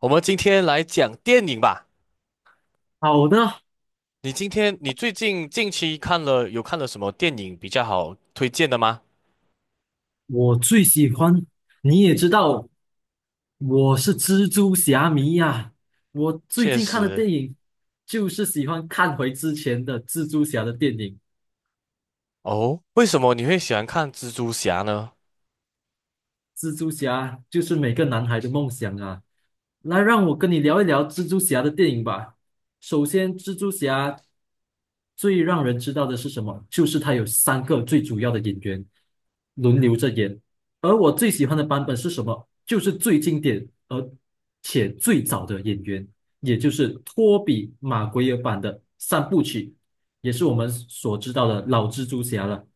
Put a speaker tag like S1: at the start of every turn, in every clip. S1: 我们今天来讲电影吧。
S2: 好的，
S1: 你今天你最近近期有看了什么电影比较好推荐的吗？
S2: 我最喜欢。你也知道，我是蜘蛛侠迷呀、我最
S1: 确
S2: 近看的
S1: 实。
S2: 电影就是喜欢看回之前的蜘蛛侠的电影。
S1: 哦，为什么你会喜欢看蜘蛛侠呢？
S2: 蜘蛛侠就是每个男孩的梦想啊！来，让我跟你聊一聊蜘蛛侠的电影吧。首先，蜘蛛侠最让人知道的是什么？就是他有三个最主要的演员轮流着演，而我最喜欢的版本是什么？就是最经典而且最早的演员，也就是托比·马奎尔版的三部曲，也是我们所知道的老蜘蛛侠了。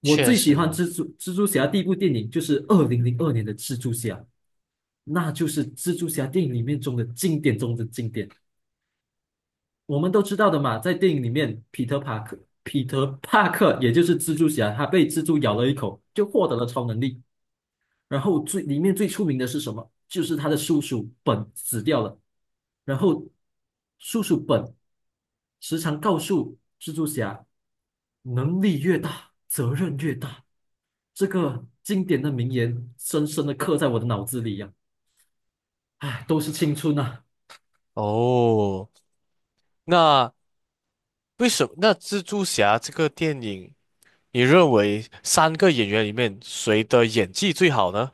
S2: 我
S1: 确
S2: 最喜欢
S1: 实。
S2: 蜘蛛侠第一部电影就是2002年的蜘蛛侠，那就是蜘蛛侠电影里面中的经典中的经典。我们都知道的嘛，在电影里面，彼得帕克也就是蜘蛛侠，他被蜘蛛咬了一口，就获得了超能力。然后最里面最出名的是什么？就是他的叔叔本死掉了，然后叔叔本时常告诉蜘蛛侠，能力越大，责任越大。这个经典的名言深深的刻在我的脑子里呀、唉，都是青春啊！
S1: 哦，那为什么那蜘蛛侠这个电影，你认为三个演员里面谁的演技最好呢？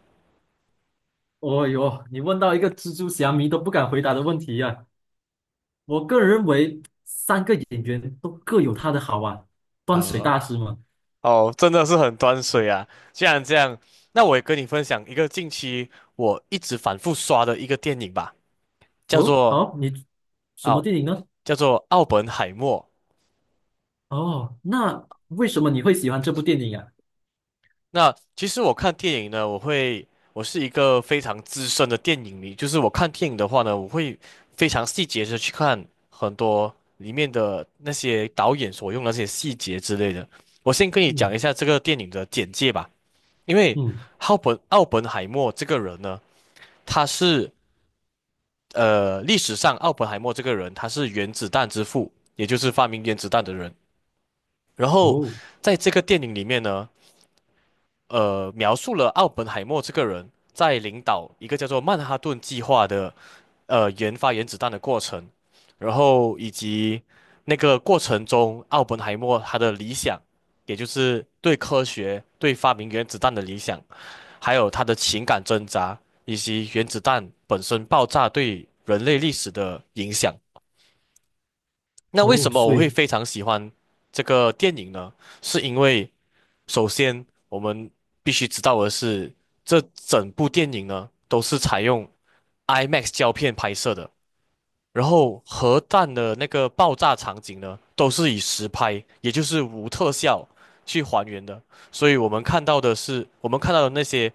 S2: 哦哟，你问到一个蜘蛛侠迷都不敢回答的问题呀、我个人认为，三个演员都各有他的好啊。端水
S1: 啊、
S2: 大师嘛，
S1: 哦，真的是很端水啊！既然这样，那我也跟你分享一个近期我一直反复刷的一个电影吧，叫
S2: 哦，
S1: 做
S2: 好，你什么
S1: 奥，
S2: 电影呢？
S1: 叫做奥本海默。
S2: 哦，那为什么你会喜欢这部电影啊？
S1: 那其实我看电影呢，我是一个非常资深的电影迷，就是我看电影的话呢，我会非常细节的去看很多里面的那些导演所用的那些细节之类的。我先跟你讲
S2: 嗯
S1: 一下这个电影的简介吧，因为
S2: 嗯，
S1: 奥本海默这个人呢，他是历史上奥本海默这个人，他是原子弹之父，也就是发明原子弹的人。然后
S2: 哦。
S1: 在这个电影里面呢。描述了奥本海默这个人在领导一个叫做曼哈顿计划的研发原子弹的过程，然后以及那个过程中奥本海默他的理想，也就是对科学、对发明原子弹的理想，还有他的情感挣扎，以及原子弹本身爆炸对人类历史的影响。那为
S2: 哦，
S1: 什么
S2: 所
S1: 我会
S2: 以
S1: 非常喜欢这个电影呢？是因为首先，我们必须知道的是，这整部电影呢都是采用 IMAX 胶片拍摄的，然后核弹的那个爆炸场景呢都是以实拍，也就是无特效去还原的，所以我们看到的是，我们看到的那些，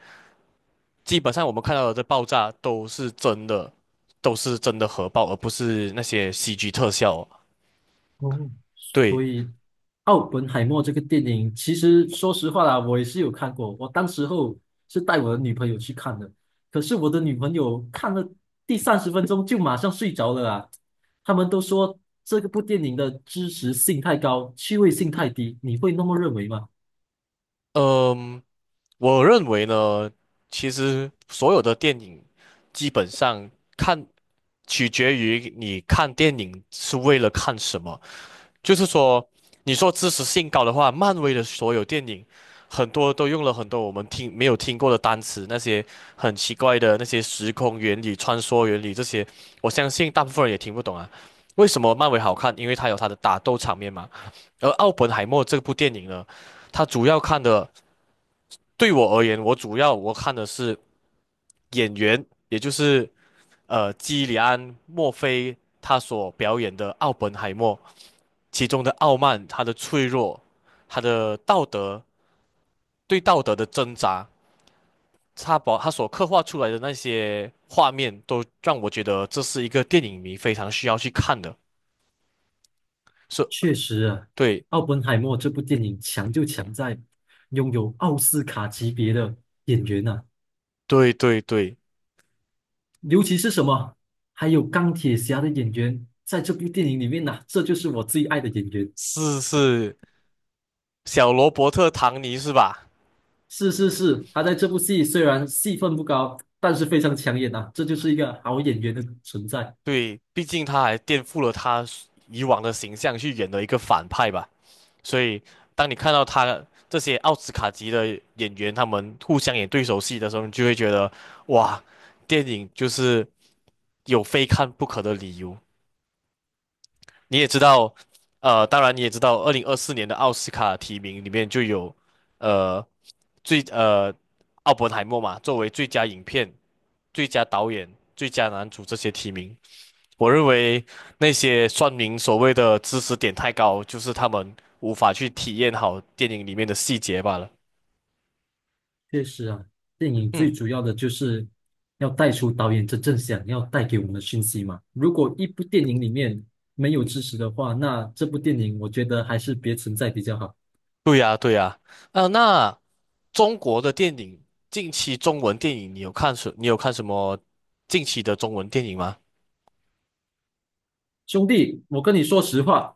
S1: 基本上我们看到的这爆炸都是真的，都是真的核爆，而不是那些 CG 特效哦。
S2: 哦，所
S1: 对，
S2: 以《奥本海默》这个电影，其实说实话啦，我也是有看过。我当时候是带我的女朋友去看的，可是我的女朋友看了第30分钟就马上睡着了啊。他们都说这个部电影的知识性太高，趣味性太低，你会那么认为吗？
S1: 嗯、我认为呢，其实所有的电影基本上看取决于你看电影是为了看什么。就是说，你说知识性高的话，漫威的所有电影很多都用了很多我们听没有听过的单词，那些很奇怪的那些时空原理、穿梭原理这些，我相信大部分人也听不懂啊。为什么漫威好看？因为它有它的打斗场面嘛。而《奥本海默》这部电影呢，它主要看的。对我而言，我主要我看的是演员，也就是基里安·墨菲他所表演的奥本海默，其中的傲慢、他的脆弱、他的道德对道德的挣扎，他把他所刻画出来的那些画面，都让我觉得这是一个电影迷非常需要去看的。是，
S2: 确实啊，
S1: 对
S2: 《奥本海默》这部电影强就强在拥有奥斯卡级别的演员啊，
S1: 对对对，
S2: 尤其是什么，还有钢铁侠的演员在这部电影里面呐、这就是我最爱的演员。
S1: 是是小罗伯特·唐尼是吧？
S2: 是是是，他在这部戏虽然戏份不高，但是非常抢眼呐，这就是一个好演员的存在。
S1: 对，毕竟他还颠覆了他以往的形象去演了一个反派吧，所以当你看到他这些奥斯卡级的演员他们互相演对手戏的时候，你就会觉得哇，电影就是有非看不可的理由。你也知道，当然你也知道，2024年的奥斯卡提名里面就有呃最呃奥本海默嘛，作为最佳影片、最佳导演、最佳男主这些提名。我认为那些算命所谓的知识点太高，就是他们无法去体验好电影里面的细节罢了。
S2: 确实啊，电影最
S1: 嗯，
S2: 主要的就是要带出导演真正想要带给我们的讯息嘛。如果一部电影里面没有知识的话，那这部电影我觉得还是别存在比较好。
S1: 对呀，对呀。啊，那中国的电影，近期中文电影，你有看什么近期的中文电影吗？
S2: 兄弟，我跟你说实话，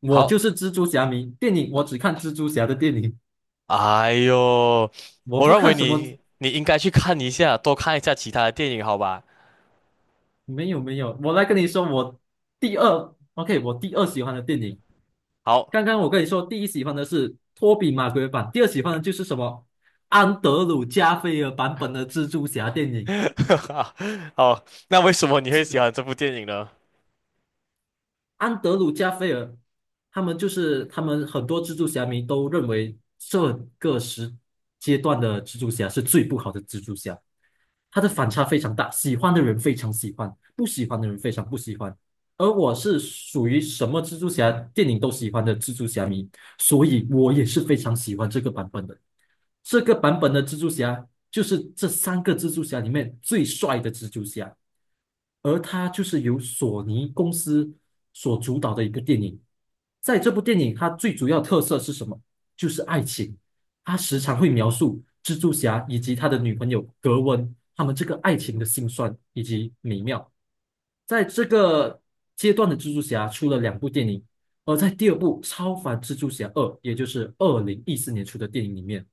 S2: 我
S1: 好，
S2: 就是蜘蛛侠迷，电影我只看蜘蛛侠的电影。
S1: 哎呦，
S2: 我
S1: 我
S2: 不
S1: 认
S2: 看
S1: 为
S2: 什么，
S1: 你应该去看一下，多看一下其他的电影，好吧？
S2: 没有没有，我来跟你说，我第二，OK，我第二喜欢的电影，
S1: 好，
S2: 刚刚我跟你说，第一喜欢的是托比马奎尔版，第二喜欢的就是什么安德鲁加菲尔版本的蜘蛛侠电影，
S1: 好，那为什么你会喜欢
S2: 蜘
S1: 这部电影呢？
S2: 安德鲁加菲尔，他们就是他们很多蜘蛛侠迷都认为这个阶段的蜘蛛侠是最不好的蜘蛛侠，它的反差非常大，喜欢的人非常喜欢，不喜欢的人非常不喜欢。而我是属于什么蜘蛛侠电影都喜欢的蜘蛛侠迷，所以我也是非常喜欢这个版本的。这个版本的蜘蛛侠就是这三个蜘蛛侠里面最帅的蜘蛛侠，而它就是由索尼公司所主导的一个电影。在这部电影，它最主要特色是什么？就是爱情。它时常会描述蜘蛛侠以及他的女朋友格温他们这个爱情的辛酸以及美妙。在这个阶段的蜘蛛侠出了两部电影，而在第二部《超凡蜘蛛侠二》，也就是2014年出的电影里面。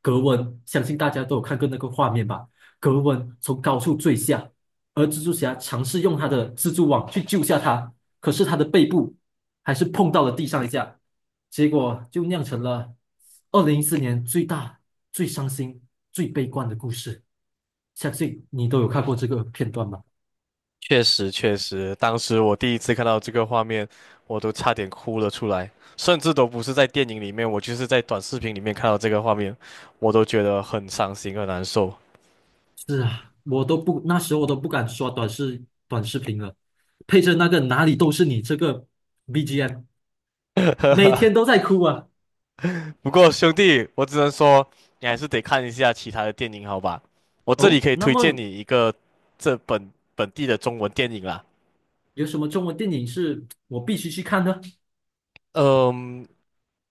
S2: 格温，相信大家都有看过那个画面吧？格温从高处坠下，而蜘蛛侠尝试用他的蜘蛛网去救下他，可是他的背部还是碰到了地上一下，结果就酿成了2014年最大、最伤心、最悲观的故事。相信你都有看过这个片段吧？
S1: 确实，确实，当时我第一次看到这个画面，我都差点哭了出来，甚至都不是在电影里面，我就是在短视频里面看到这个画面，我都觉得很伤心、很难受。
S2: 是啊，我都不，那时候我都不敢刷短视频了，配着那个哪里都是你这个 BGM，每 天都在哭啊。
S1: 不过兄弟，我只能说你还是得看一下其他的电影，好吧？我这里
S2: 哦，
S1: 可以
S2: 那
S1: 推荐
S2: 么
S1: 你一个本地的中文电影啦。
S2: 有什么中文电影是我必须去看的？
S1: 嗯，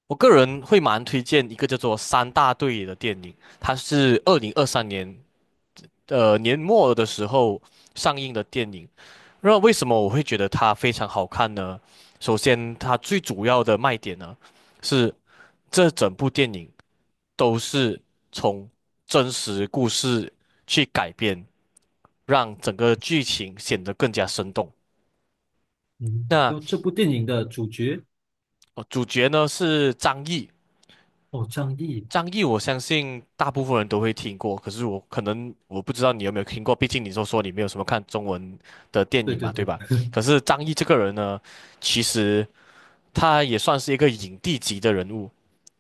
S1: 我个人会蛮推荐一个叫做《三大队》的电影，它是2023年年末的时候上映的电影。那为什么我会觉得它非常好看呢？首先，它最主要的卖点呢是这整部电影都是从真实故事去改编，让整个剧情显得更加生动。
S2: 嗯，
S1: 那
S2: 要这部电影的主角
S1: 主角呢是张译，
S2: 哦，张译，
S1: 张译，我相信大部分人都会听过，可是我可能我不知道你有没有听过，毕竟你说你没有什么看中文的电
S2: 对
S1: 影
S2: 对
S1: 嘛，对
S2: 对，
S1: 吧？可是张译这个人呢，其实他也算是一个影帝级的人物，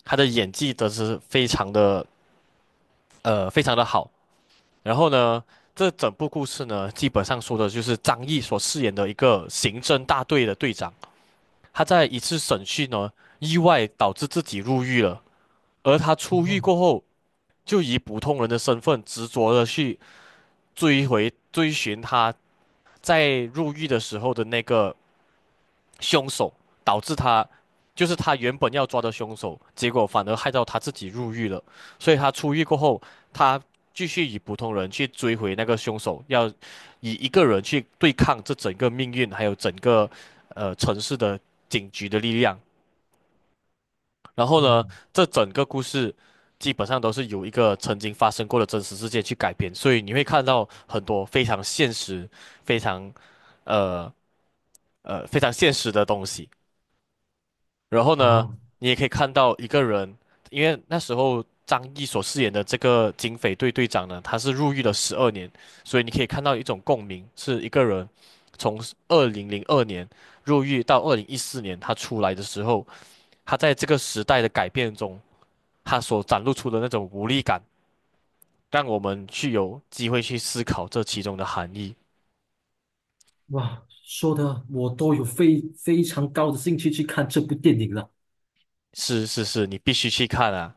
S1: 他的演技都是非常的好。然后呢，这整部故事呢，基本上说的就是张译所饰演的一个刑侦大队的队长，他在一次审讯呢，意外导致自己入狱了，而他出狱
S2: 哦，
S1: 过后。就以普通人的身份执着的去追回、追寻他在入狱的时候的那个凶手，导致他就是他原本要抓的凶手，结果反而害到他自己入狱了。所以他出狱过后，他继续以普通人去追回那个凶手，要以一个人去对抗这整个命运，还有整个城市的警局的力量。然后呢，
S2: 嗯，
S1: 这整个故事基本上都是由一个曾经发生过的真实事件去改编，所以你会看到很多非常现实、非常呃非常现实的东西。然后呢，
S2: 好，
S1: 你也可以看到一个人，因为那时候张译所饰演的这个警匪队队长呢，他是入狱了12年，所以你可以看到一种共鸣，是一个人从2002年入狱到2014年他出来的时候，他在这个时代的改变中。它所展露出的那种无力感，让我们去有机会去思考这其中的含义。
S2: 哇，说的我都有非常高的兴趣去看这部电影了。
S1: 是是是，你必须去看啊。